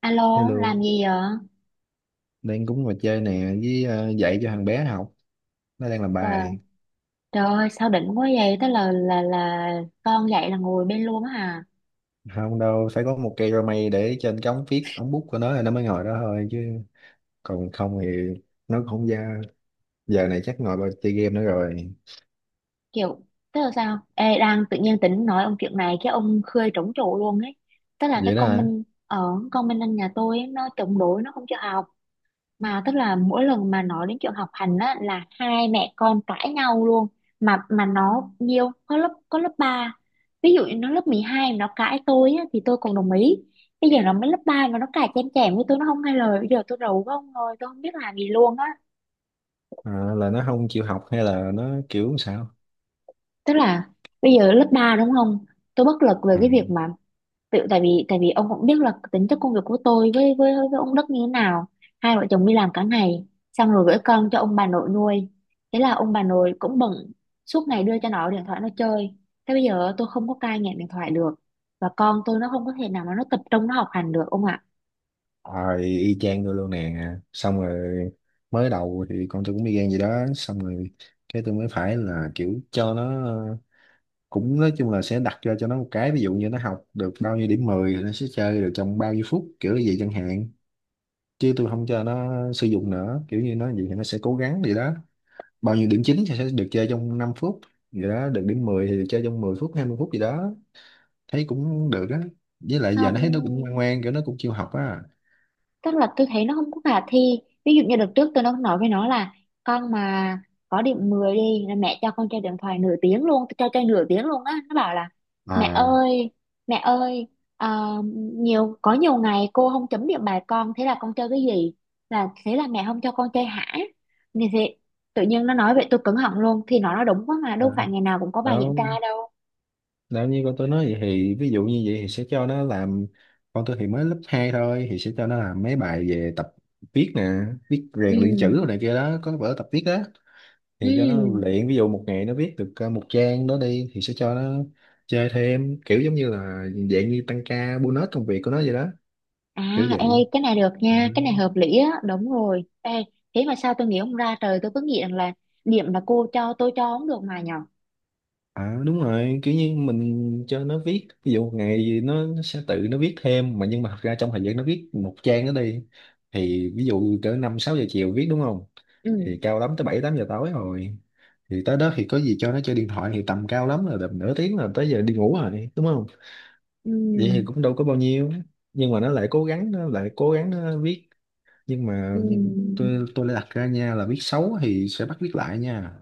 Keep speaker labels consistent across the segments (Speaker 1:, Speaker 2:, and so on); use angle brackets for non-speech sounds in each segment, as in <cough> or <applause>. Speaker 1: Alo,
Speaker 2: Hello,
Speaker 1: làm gì vậy?
Speaker 2: đang cũng ngồi chơi nè với dạy cho thằng bé học. Nó đang làm
Speaker 1: Trời,
Speaker 2: bài.
Speaker 1: trời ơi, sao đỉnh quá vậy? Tức là con dậy là ngồi bên luôn á hả?
Speaker 2: Không đâu, phải có một cây rau mây để trên cái ống viết, ống bút của nó là nó mới ngồi đó thôi chứ. Còn không thì nó cũng không ra. Giờ này chắc ngồi vào chơi game nữa rồi.
Speaker 1: Kiểu, tức là sao? Ê, đang tự nhiên tính nói ông chuyện này cái ông khơi trống trụ luôn ấy. Tức là cái
Speaker 2: Vậy đó
Speaker 1: con
Speaker 2: hả?
Speaker 1: Minh ở Con Minh anh nhà tôi ấy, nó chống đối nó không cho học. Mà tức là mỗi lần mà nói đến chuyện học hành á là hai mẹ con cãi nhau luôn, mà nó nhiều có lớp 3 ví dụ như nó lớp 12 mà nó cãi tôi á, thì tôi còn đồng ý. Bây giờ nó mới lớp 3 mà nó cãi chém chém với tôi, nó không nghe lời. Bây giờ tôi rầu quá ông ơi, tôi không biết làm gì luôn á.
Speaker 2: À, là nó không chịu học hay là nó kiểu sao?
Speaker 1: Tức là bây giờ lớp 3 đúng không, tôi bất lực về
Speaker 2: Ừ.
Speaker 1: cái việc mà tự tại vì ông cũng biết là tính chất công việc của tôi với ông Đức như thế nào. Hai vợ chồng đi làm cả ngày, xong rồi gửi con cho ông bà nội nuôi, thế là ông bà nội cũng bận, suốt ngày đưa cho nó điện thoại nó chơi. Thế bây giờ tôi không có cai nghiện điện thoại được, và con tôi nó không có thể nào mà nó tập trung nó học hành được ông ạ.
Speaker 2: Rồi y chang tôi luôn nè. Xong rồi mới đầu thì con tôi cũng y gan gì đó. Xong rồi cái tôi mới phải là kiểu cho nó, cũng nói chung là sẽ đặt ra cho nó một cái, ví dụ như nó học được bao nhiêu điểm 10 thì nó sẽ chơi được trong bao nhiêu phút, kiểu như vậy chẳng hạn. Chứ tôi không cho nó sử dụng nữa, kiểu như nó vậy thì nó sẽ cố gắng, vậy đó. Bao nhiêu điểm 9 thì sẽ được chơi trong 5 phút, vậy đó, được điểm 10 thì được chơi trong 10 phút, 20 phút gì đó. Thấy cũng được á, với lại
Speaker 1: Không,
Speaker 2: giờ nó thấy nó cũng ngoan ngoan, kiểu nó cũng chịu học á.
Speaker 1: tức là tôi thấy nó không có khả thi. Ví dụ như đợt trước tôi nó nói với nó là con mà có điểm 10 đi là mẹ cho con chơi điện thoại nửa tiếng luôn, tôi cho chơi nửa tiếng luôn á. Nó bảo là mẹ
Speaker 2: À.
Speaker 1: ơi, mẹ ơi, ờ, nhiều có nhiều ngày cô không chấm điểm bài con, thế là con chơi cái gì, là thế là mẹ không cho con chơi hả? Thì thế, tự nhiên nó nói vậy tôi cứng họng luôn, thì nó nói đúng quá mà,
Speaker 2: Ờ,
Speaker 1: đâu phải ngày nào cũng có bài
Speaker 2: đó.
Speaker 1: kiểm tra đâu.
Speaker 2: Nếu như con tôi nói vậy thì ví dụ như vậy thì sẽ cho nó làm, con tôi thì mới lớp 2 thôi thì sẽ cho nó làm mấy bài về tập viết nè, viết rèn
Speaker 1: Ừ,
Speaker 2: luyện chữ rồi này kia đó, có vở tập viết đó.
Speaker 1: ừ.
Speaker 2: Thì cho nó luyện, ví dụ một ngày nó viết được một trang đó đi thì sẽ cho nó chơi thêm, kiểu giống như là dạng như tăng ca bonus công việc của nó vậy đó, kiểu
Speaker 1: À, ê,
Speaker 2: vậy.
Speaker 1: cái này được
Speaker 2: Ừ.
Speaker 1: nha, cái này hợp lý á, đúng rồi. Ê, thế mà sao tôi nghĩ không ra trời, tôi cứ nghĩ rằng là điểm mà cô cho tôi cho không được mà nhở.
Speaker 2: À đúng rồi, kiểu như mình cho nó viết, ví dụ một ngày gì nó sẽ tự nó viết thêm mà, nhưng mà thật ra trong thời gian nó viết một trang đó đi, thì ví dụ cỡ 5 6 giờ chiều viết đúng không?
Speaker 1: Ừ,
Speaker 2: Thì cao lắm tới 7 8 giờ tối rồi. Thì tới đó thì có gì cho nó chơi điện thoại thì tầm cao lắm là tầm nửa tiếng là tới giờ đi ngủ rồi, đúng không?
Speaker 1: ừ,
Speaker 2: Vậy thì cũng đâu có bao nhiêu. Nhưng mà nó lại cố gắng, nó lại cố gắng nó viết. Nhưng mà
Speaker 1: ừ.
Speaker 2: tôi lại đặt ra nha là viết xấu thì sẽ bắt viết lại nha,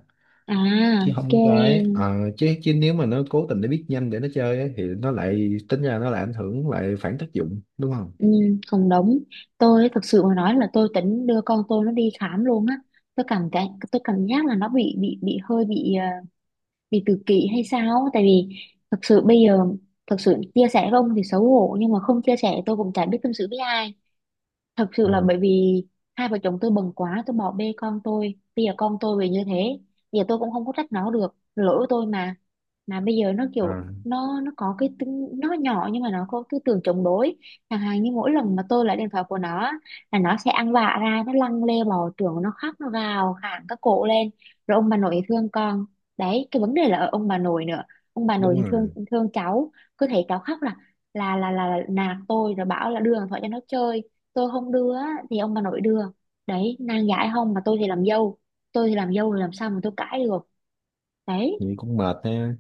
Speaker 1: À,
Speaker 2: chứ
Speaker 1: ok,
Speaker 2: không. Cái ờ, chứ chứ nếu mà nó cố tình để biết nhanh để nó chơi ấy, thì nó lại tính ra, nó lại ảnh hưởng, lại phản tác dụng đúng không?
Speaker 1: ừ, cũng đúng. Tôi thực sự mà nói là tôi tính đưa con tôi nó đi khám luôn á. Tôi cảm cái, tôi cảm giác là nó bị hơi bị bị tự kỷ hay sao á. Tại vì thực sự bây giờ, thực sự chia sẻ với ông thì xấu hổ nhưng mà không chia sẻ tôi cũng chả biết tâm sự với ai. Thật sự
Speaker 2: Ờ,
Speaker 1: là bởi vì hai vợ chồng tôi bận quá, tôi bỏ bê con tôi, bây giờ con tôi về như thế. Bây giờ tôi cũng không có trách nó được, lỗi của tôi mà. Mà bây giờ nó
Speaker 2: ờ,
Speaker 1: kiểu nó có cái tính nó nhỏ nhưng mà nó có tư tưởng chống đối. Chẳng hạn như mỗi lần mà tôi lấy điện thoại của nó á, là nó sẽ ăn vạ ra, nó lăn lê bò trưởng, nó khóc nó gào khản các cổ lên, rồi ông bà nội thì thương con. Đấy, cái vấn đề là ở ông bà nội nữa, ông bà nội
Speaker 2: đúng
Speaker 1: thì thương
Speaker 2: rồi.
Speaker 1: thương cháu, cứ thấy cháu khóc là là nạt tôi rồi bảo là đưa điện thoại cho nó chơi. Tôi không đưa á, thì ông bà nội đưa. Đấy, nàng giải không mà tôi thì làm dâu, tôi thì làm dâu rồi làm sao mà tôi cãi được. Đấy.
Speaker 2: Vậy cũng mệt ha,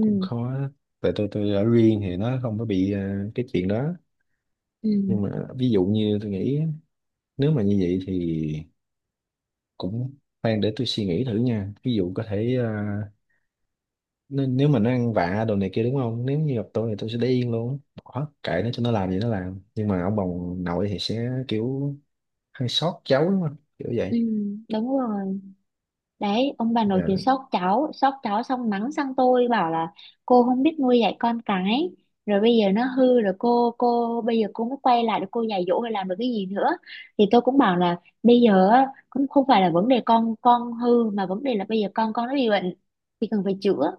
Speaker 2: cũng khó. Tại tôi ở riêng thì nó không có bị cái chuyện đó. Nhưng mà
Speaker 1: ừ.
Speaker 2: ví dụ như tôi nghĩ, nếu mà như vậy thì cũng, khoan để tôi suy nghĩ thử nha. Ví dụ có thể nếu mà nó ăn vạ đồ này kia đúng không? Nếu như gặp tôi thì tôi sẽ để yên luôn. Bỏ kệ nó, cho nó làm gì nó làm. Nhưng mà ông bà nội thì sẽ kiểu hơi sót cháu đúng không, kiểu vậy.
Speaker 1: Ừ, đúng rồi. Đấy, ông bà nội
Speaker 2: Dạ.
Speaker 1: thì sốt cháu xong mắng sang tôi bảo là cô không biết nuôi dạy con cái, rồi bây giờ nó hư rồi cô bây giờ cô mới quay lại để cô dạy dỗ hay làm được cái gì nữa. Thì tôi cũng bảo là bây giờ á, cũng không phải là vấn đề con hư mà vấn đề là bây giờ con nó bị bệnh thì cần phải chữa.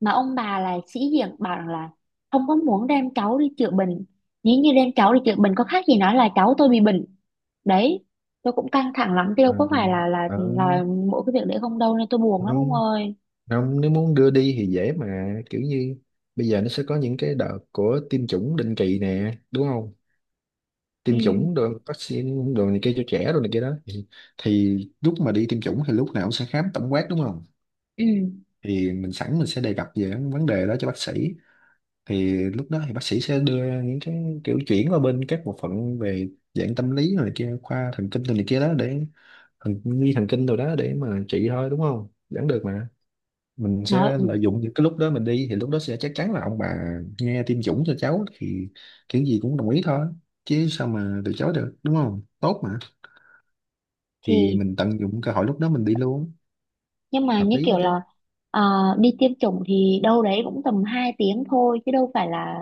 Speaker 1: Mà ông bà là sĩ diện bảo rằng là không có muốn đem cháu đi chữa bệnh, nếu như đem cháu đi chữa bệnh có khác gì nói là cháu tôi bị bệnh. Đấy, tôi cũng căng thẳng lắm tiêu,
Speaker 2: ờ,
Speaker 1: có phải là là
Speaker 2: ở
Speaker 1: là mỗi cái việc đấy không đâu nên tôi buồn lắm ông
Speaker 2: Không,
Speaker 1: ơi.
Speaker 2: không, nếu muốn đưa đi thì dễ mà, kiểu như bây giờ nó sẽ có những cái đợt của tiêm chủng định kỳ nè đúng không, tiêm chủng
Speaker 1: Ừ,
Speaker 2: rồi vaccine rồi này kia cho trẻ rồi này kia đó thì lúc mà đi tiêm chủng thì lúc nào cũng sẽ khám tổng quát đúng không,
Speaker 1: ừ,
Speaker 2: thì mình sẵn mình sẽ đề cập về vấn đề đó cho bác sĩ, thì lúc đó thì bác sĩ sẽ đưa ra những cái kiểu chuyển qua bên các bộ phận về dạng tâm lý rồi này kia, khoa thần kinh rồi này kia đó, để thần đi thần kinh rồi đó để mà trị thôi, đúng không, vẫn được mà. Mình
Speaker 1: nói
Speaker 2: sẽ lợi dụng những cái lúc đó mình đi, thì lúc đó sẽ chắc chắn là ông bà nghe tiêm chủng cho cháu thì kiểu gì cũng đồng ý thôi, chứ sao mà từ chối được đúng không, tốt mà. Thì
Speaker 1: thì.
Speaker 2: mình tận dụng cơ hội lúc đó mình đi luôn,
Speaker 1: Nhưng mà
Speaker 2: hợp
Speaker 1: như
Speaker 2: lý á
Speaker 1: kiểu
Speaker 2: chứ.
Speaker 1: là à, đi tiêm chủng thì đâu đấy cũng tầm 2 tiếng thôi chứ đâu phải là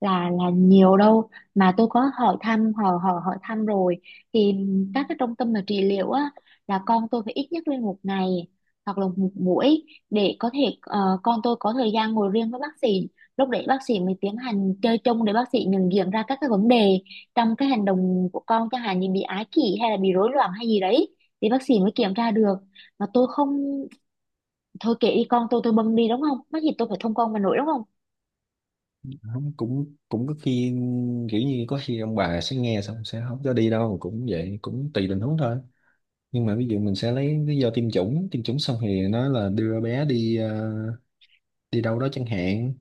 Speaker 1: là nhiều đâu. Mà tôi có hỏi thăm, hỏi hỏi hỏi thăm rồi thì các cái trung tâm mà trị liệu á là con tôi phải ít nhất lên một ngày hoặc là một buổi để có thể con tôi có thời gian ngồi riêng với bác sĩ. Lúc đấy bác sĩ mới tiến hành chơi chung để bác sĩ nhận diện ra các cái vấn đề trong cái hành động của con, chẳng hạn như bị ái kỷ hay là bị rối loạn hay gì đấy thì bác sĩ mới kiểm tra được. Mà tôi không, thôi kệ đi, con tôi bưng đi đúng không, mắc gì tôi phải thông con mà nổi đúng không.
Speaker 2: Không, cũng cũng có khi, kiểu như có khi ông bà sẽ nghe xong sẽ không cho đi đâu, cũng vậy, cũng tùy tình huống thôi. Nhưng mà ví dụ mình sẽ lấy lý do tiêm chủng, tiêm chủng xong thì nói là đưa bé đi đi đâu đó chẳng hạn.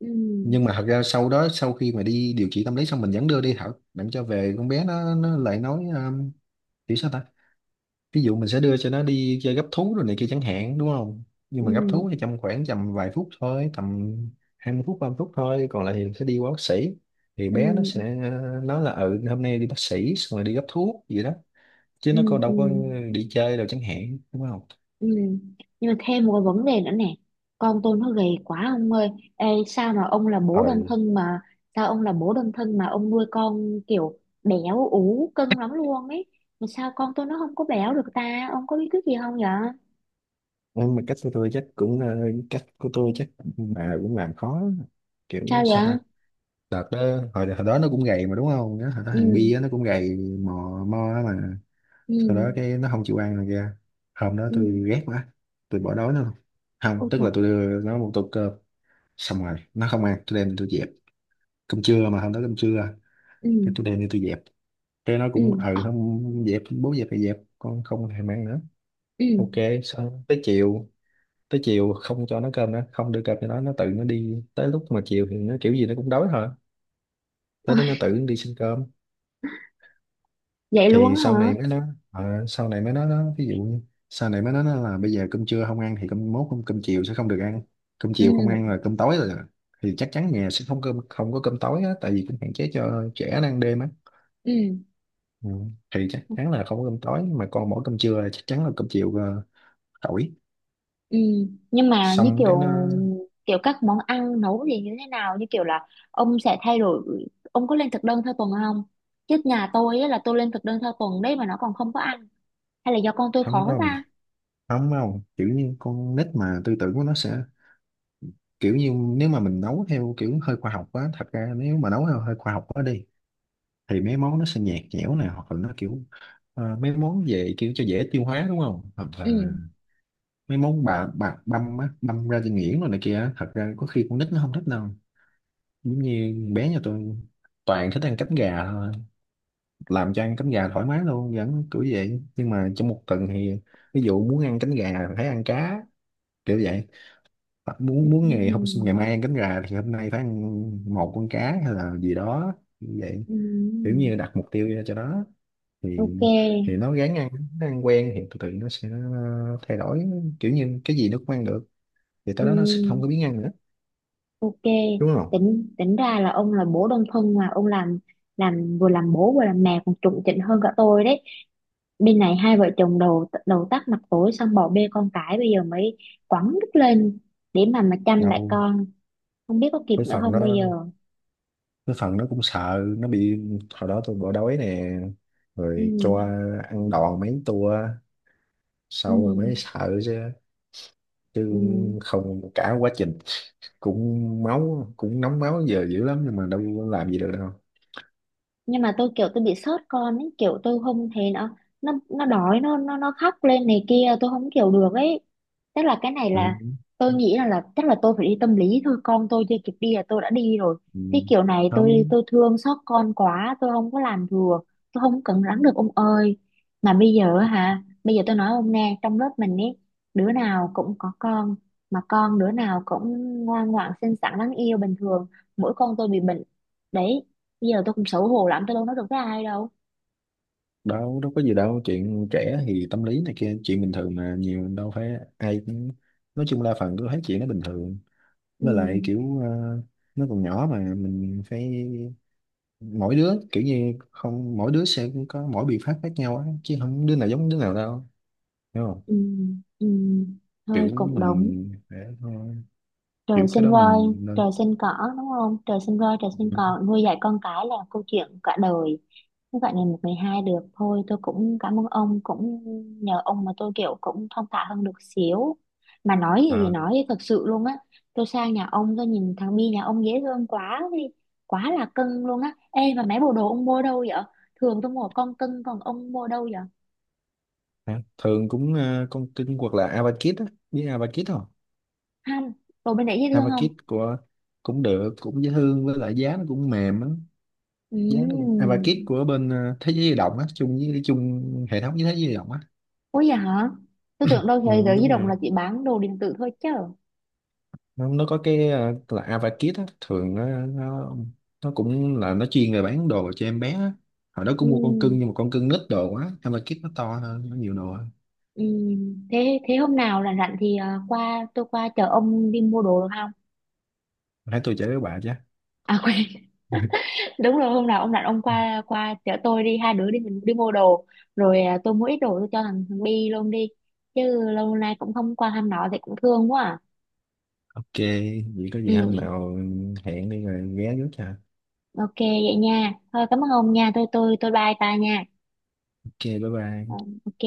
Speaker 1: Ừ,
Speaker 2: Nhưng mà thật ra sau đó, sau khi mà đi điều trị tâm lý xong mình vẫn đưa đi học, làm cho về con bé nó lại nói kiểu sao ta. Ví dụ mình sẽ đưa cho nó đi chơi gấp thú rồi này kia chẳng hạn đúng không, nhưng mà gấp thú thì
Speaker 1: ừ,
Speaker 2: trong khoảng tầm vài phút thôi, tầm 20 phút 30 phút thôi, còn lại thì sẽ đi qua bác sĩ. Thì bé nó
Speaker 1: ừ,
Speaker 2: sẽ nói là ừ hôm nay đi bác sĩ xong rồi đi gấp thuốc gì đó, chứ
Speaker 1: ừ,
Speaker 2: nó có
Speaker 1: ừ,
Speaker 2: đâu có đi chơi đâu chẳng hạn đúng không.
Speaker 1: ừ. Nhưng mà thêm một cái vấn đề nữa nè, con tôi nó gầy quá ông ơi. Ê, sao mà ông là
Speaker 2: ờ
Speaker 1: bố đơn thân mà, sao ông là bố đơn thân mà ông nuôi con kiểu béo ú cân lắm luôn ấy, mà sao con tôi nó không có béo được ta, ông có bí quyết gì không vậy?
Speaker 2: nhưng mà cách của tôi chắc mà cũng làm khó, kiểu
Speaker 1: Sao
Speaker 2: sao
Speaker 1: vậy?
Speaker 2: ta. Đợt đó, hồi đó nó cũng gầy mà đúng không. Nhớ hồi đó
Speaker 1: Ừ,
Speaker 2: thằng Bi á, nó cũng gầy mò mo á mà
Speaker 1: ừ,
Speaker 2: sau đó cái nó không chịu ăn rồi kìa. Hôm đó
Speaker 1: ừ,
Speaker 2: tôi ghét quá, tôi bỏ đói nó luôn. Không,
Speaker 1: ôi
Speaker 2: tức
Speaker 1: trời,
Speaker 2: là tôi đưa nó một tô cơm, xong rồi nó không ăn, tôi đem đi, tôi dẹp. Cơm trưa mà, hôm đó cơm trưa,
Speaker 1: ừ,
Speaker 2: cái tôi đem đi tôi dẹp. Cái nó
Speaker 1: ừ,
Speaker 2: cũng ừ không dẹp bố dẹp thì dẹp, con không thèm ăn nữa.
Speaker 1: ừ.
Speaker 2: Ok. Xong tới chiều, tới chiều không cho nó cơm nữa, không đưa cơm cho nó tự nó đi, tới lúc mà chiều thì nó kiểu gì nó cũng đói thôi,
Speaker 1: <laughs>
Speaker 2: tới đó nó
Speaker 1: Ôi,
Speaker 2: tự nó đi xin cơm.
Speaker 1: vậy luôn
Speaker 2: Thì
Speaker 1: á
Speaker 2: sau
Speaker 1: hả?
Speaker 2: này mới nói, sau này mới nói đó, ví dụ như sau này mới nói nó là bây giờ cơm trưa không ăn thì cơm chiều sẽ không được ăn, cơm chiều không ăn
Speaker 1: Ừ,
Speaker 2: là cơm tối rồi, thì chắc chắn nhà sẽ không có cơm tối á, tại vì cũng hạn chế cho trẻ nó ăn đêm á.
Speaker 1: ừ.
Speaker 2: Ừ. Thì chắc chắn là không có cơm tối mà còn mỗi cơm trưa, là chắc chắn là cơm chiều tỏi.
Speaker 1: Ừ, nhưng mà như
Speaker 2: Xong cái
Speaker 1: kiểu,
Speaker 2: nó
Speaker 1: kiểu các món ăn nấu thì như thế nào, như kiểu là ông sẽ thay đổi, ông có lên thực đơn theo tuần không? Chứ nhà tôi á, là tôi lên thực đơn theo tuần đấy mà nó còn không có ăn. Hay là do con tôi
Speaker 2: thấm,
Speaker 1: khó
Speaker 2: nó không
Speaker 1: ta?
Speaker 2: thấm không, kiểu như con nít mà tư tưởng của nó sẽ, kiểu như nếu mà mình nấu theo kiểu hơi khoa học á, thật ra nếu mà nấu theo hơi khoa học quá đi thì mấy món nó sẽ nhạt nhẽo này, hoặc là nó kiểu mấy món về kiểu cho dễ tiêu hóa đúng không, hoặc
Speaker 1: Ừ.
Speaker 2: là mấy món bạc bạc băm á, băm ra cho nghiền rồi này kia, thật ra có khi con nít nó không thích đâu. Giống như bé nhà tôi toàn thích ăn cánh gà thôi, làm cho ăn cánh gà thoải mái luôn vẫn kiểu vậy, nhưng mà trong một tuần thì ví dụ muốn ăn cánh gà thì phải ăn cá, kiểu vậy. Hoặc muốn muốn ngày
Speaker 1: Ừ.
Speaker 2: mai ăn cánh gà thì hôm nay phải ăn một con cá hay là gì đó, như vậy. Kiểu
Speaker 1: Ừ.
Speaker 2: như đặt mục tiêu ra cho nó, thì
Speaker 1: Ok,
Speaker 2: thì nó ráng ăn, nó ăn quen thì từ từ nó sẽ thay đổi, kiểu như cái gì nó cũng ăn được, thì
Speaker 1: ừ.
Speaker 2: tới đó nó sẽ không có biến ăn nữa,
Speaker 1: Ok,
Speaker 2: đúng không.
Speaker 1: tính tính ra là ông là bố đơn thân mà ông làm vừa làm bố vừa làm mẹ còn chuẩn chỉnh hơn cả tôi đấy. Bên này hai vợ chồng đầu đầu tắt mặt tối xong bỏ bê con cái, bây giờ mới quẳng đứt lên để mà chăm lại
Speaker 2: Đâu,
Speaker 1: con, không biết có kịp
Speaker 2: cái
Speaker 1: nữa
Speaker 2: phần
Speaker 1: không bây
Speaker 2: đó
Speaker 1: giờ.
Speaker 2: cái phần nó cũng sợ nó bị, hồi đó tôi bỏ đói nè,
Speaker 1: Ừ,
Speaker 2: rồi cho ăn đòn mấy tua
Speaker 1: ừ,
Speaker 2: sau rồi mới sợ chứ chứ
Speaker 1: ừ.
Speaker 2: không, cả quá trình cũng máu cũng nóng máu giờ dữ lắm nhưng mà đâu có làm gì được đâu.
Speaker 1: Nhưng mà tôi kiểu tôi bị sót con ấy, kiểu tôi không thấy nó đói nó khóc lên này kia tôi không kiểu được ấy. Tức là cái này
Speaker 2: Ừ.
Speaker 1: là tôi nghĩ là chắc là tôi phải đi tâm lý thôi, con tôi chưa kịp đi là tôi đã đi rồi.
Speaker 2: Ừ.
Speaker 1: Cái kiểu này tôi
Speaker 2: Không,
Speaker 1: tôi thương xót con quá tôi không có làm được, tôi không cẩn lắng được ông ơi. Mà bây giờ hả, bây giờ tôi nói ông nghe trong lớp mình ấy, đứa nào cũng có con mà con đứa nào cũng ngoan ngoãn xinh xắn đáng yêu bình thường, mỗi con tôi bị bệnh. Đấy, bây giờ tôi cũng xấu hổ lắm, tôi đâu nói được với ai đâu.
Speaker 2: đâu đâu có gì đâu, chuyện trẻ thì tâm lý này kia chuyện bình thường mà, nhiều đâu phải ai cũng, nói chung đa phần cứ thấy chuyện nó bình thường.
Speaker 1: Ừ,
Speaker 2: Với lại kiểu nó còn nhỏ mà mình phải, mỗi đứa kiểu như không, mỗi đứa sẽ có mỗi biện pháp khác nhau á chứ không đứa nào giống đứa nào đâu, hiểu không.
Speaker 1: ừ, ừ,
Speaker 2: Kiểu
Speaker 1: thôi cũng đúng.
Speaker 2: mình để thôi,
Speaker 1: Trời
Speaker 2: kiểu cái
Speaker 1: sinh
Speaker 2: đó
Speaker 1: voi,
Speaker 2: mình nên
Speaker 1: trời sinh cỏ, đúng không, trời sinh voi, trời sinh cỏ, nuôi dạy con cái là câu chuyện cả đời, không phải ngày một ngày hai được. Thôi tôi cũng cảm ơn ông, cũng nhờ ông mà tôi kiểu cũng thong thả hơn được xíu. Mà nói gì thì
Speaker 2: à,
Speaker 1: nói, thật sự luôn á, tôi sang nhà ông tôi nhìn thằng Bi nhà ông dễ thương quá đi, quá là cưng luôn á. Ê mà mấy bộ đồ ông mua đâu vậy? Thường tôi mua con cưng, còn ông mua đâu vậy?
Speaker 2: hả? Thường cũng con kinh hoặc là Avakit á, biết Avakit không?
Speaker 1: Không, đồ bên đấy dễ thương không?
Speaker 2: Avakit của, cũng được, cũng dễ thương, với lại giá nó cũng mềm á, giá nó cũng và kit
Speaker 1: Ừm.
Speaker 2: của bên thế giới di động á, chung hệ thống với thế giới di động á.
Speaker 1: Ủa vậy hả? Tôi tưởng đâu
Speaker 2: Ừ,
Speaker 1: thế giới di
Speaker 2: đúng
Speaker 1: động là
Speaker 2: rồi.
Speaker 1: chỉ bán đồ điện tử thôi chứ.
Speaker 2: Nó có cái là Avakit á, thường nó cũng là nó chuyên về bán đồ cho em bé á. Hồi đó cũng mua con
Speaker 1: Ừm,
Speaker 2: cưng nhưng mà con cưng nít đồ quá, Avakit nó to hơn, nó nhiều đồ hơn.
Speaker 1: Thế thế hôm nào rảnh rảnh thì à, qua tôi qua chở ông đi mua đồ được không?
Speaker 2: Hãy tôi chở với bà chứ.
Speaker 1: À quên,
Speaker 2: <laughs>
Speaker 1: <laughs> đúng rồi, hôm nào ông rảnh ông qua, qua chở tôi đi, hai đứa đi, mình đi mua đồ rồi à, tôi mua ít đồ tôi cho thằng thằng Bi luôn đi, chứ lâu nay cũng không qua thăm nó thì cũng thương quá à.
Speaker 2: Ok vậy có gì hôm
Speaker 1: Ừ,
Speaker 2: nào hẹn đi rồi ghé trước cho.
Speaker 1: ok vậy nha. Thôi cảm ơn ông nha. Tôi bye ta nha.
Speaker 2: Ok, bye
Speaker 1: Ờ,
Speaker 2: bye.
Speaker 1: ok.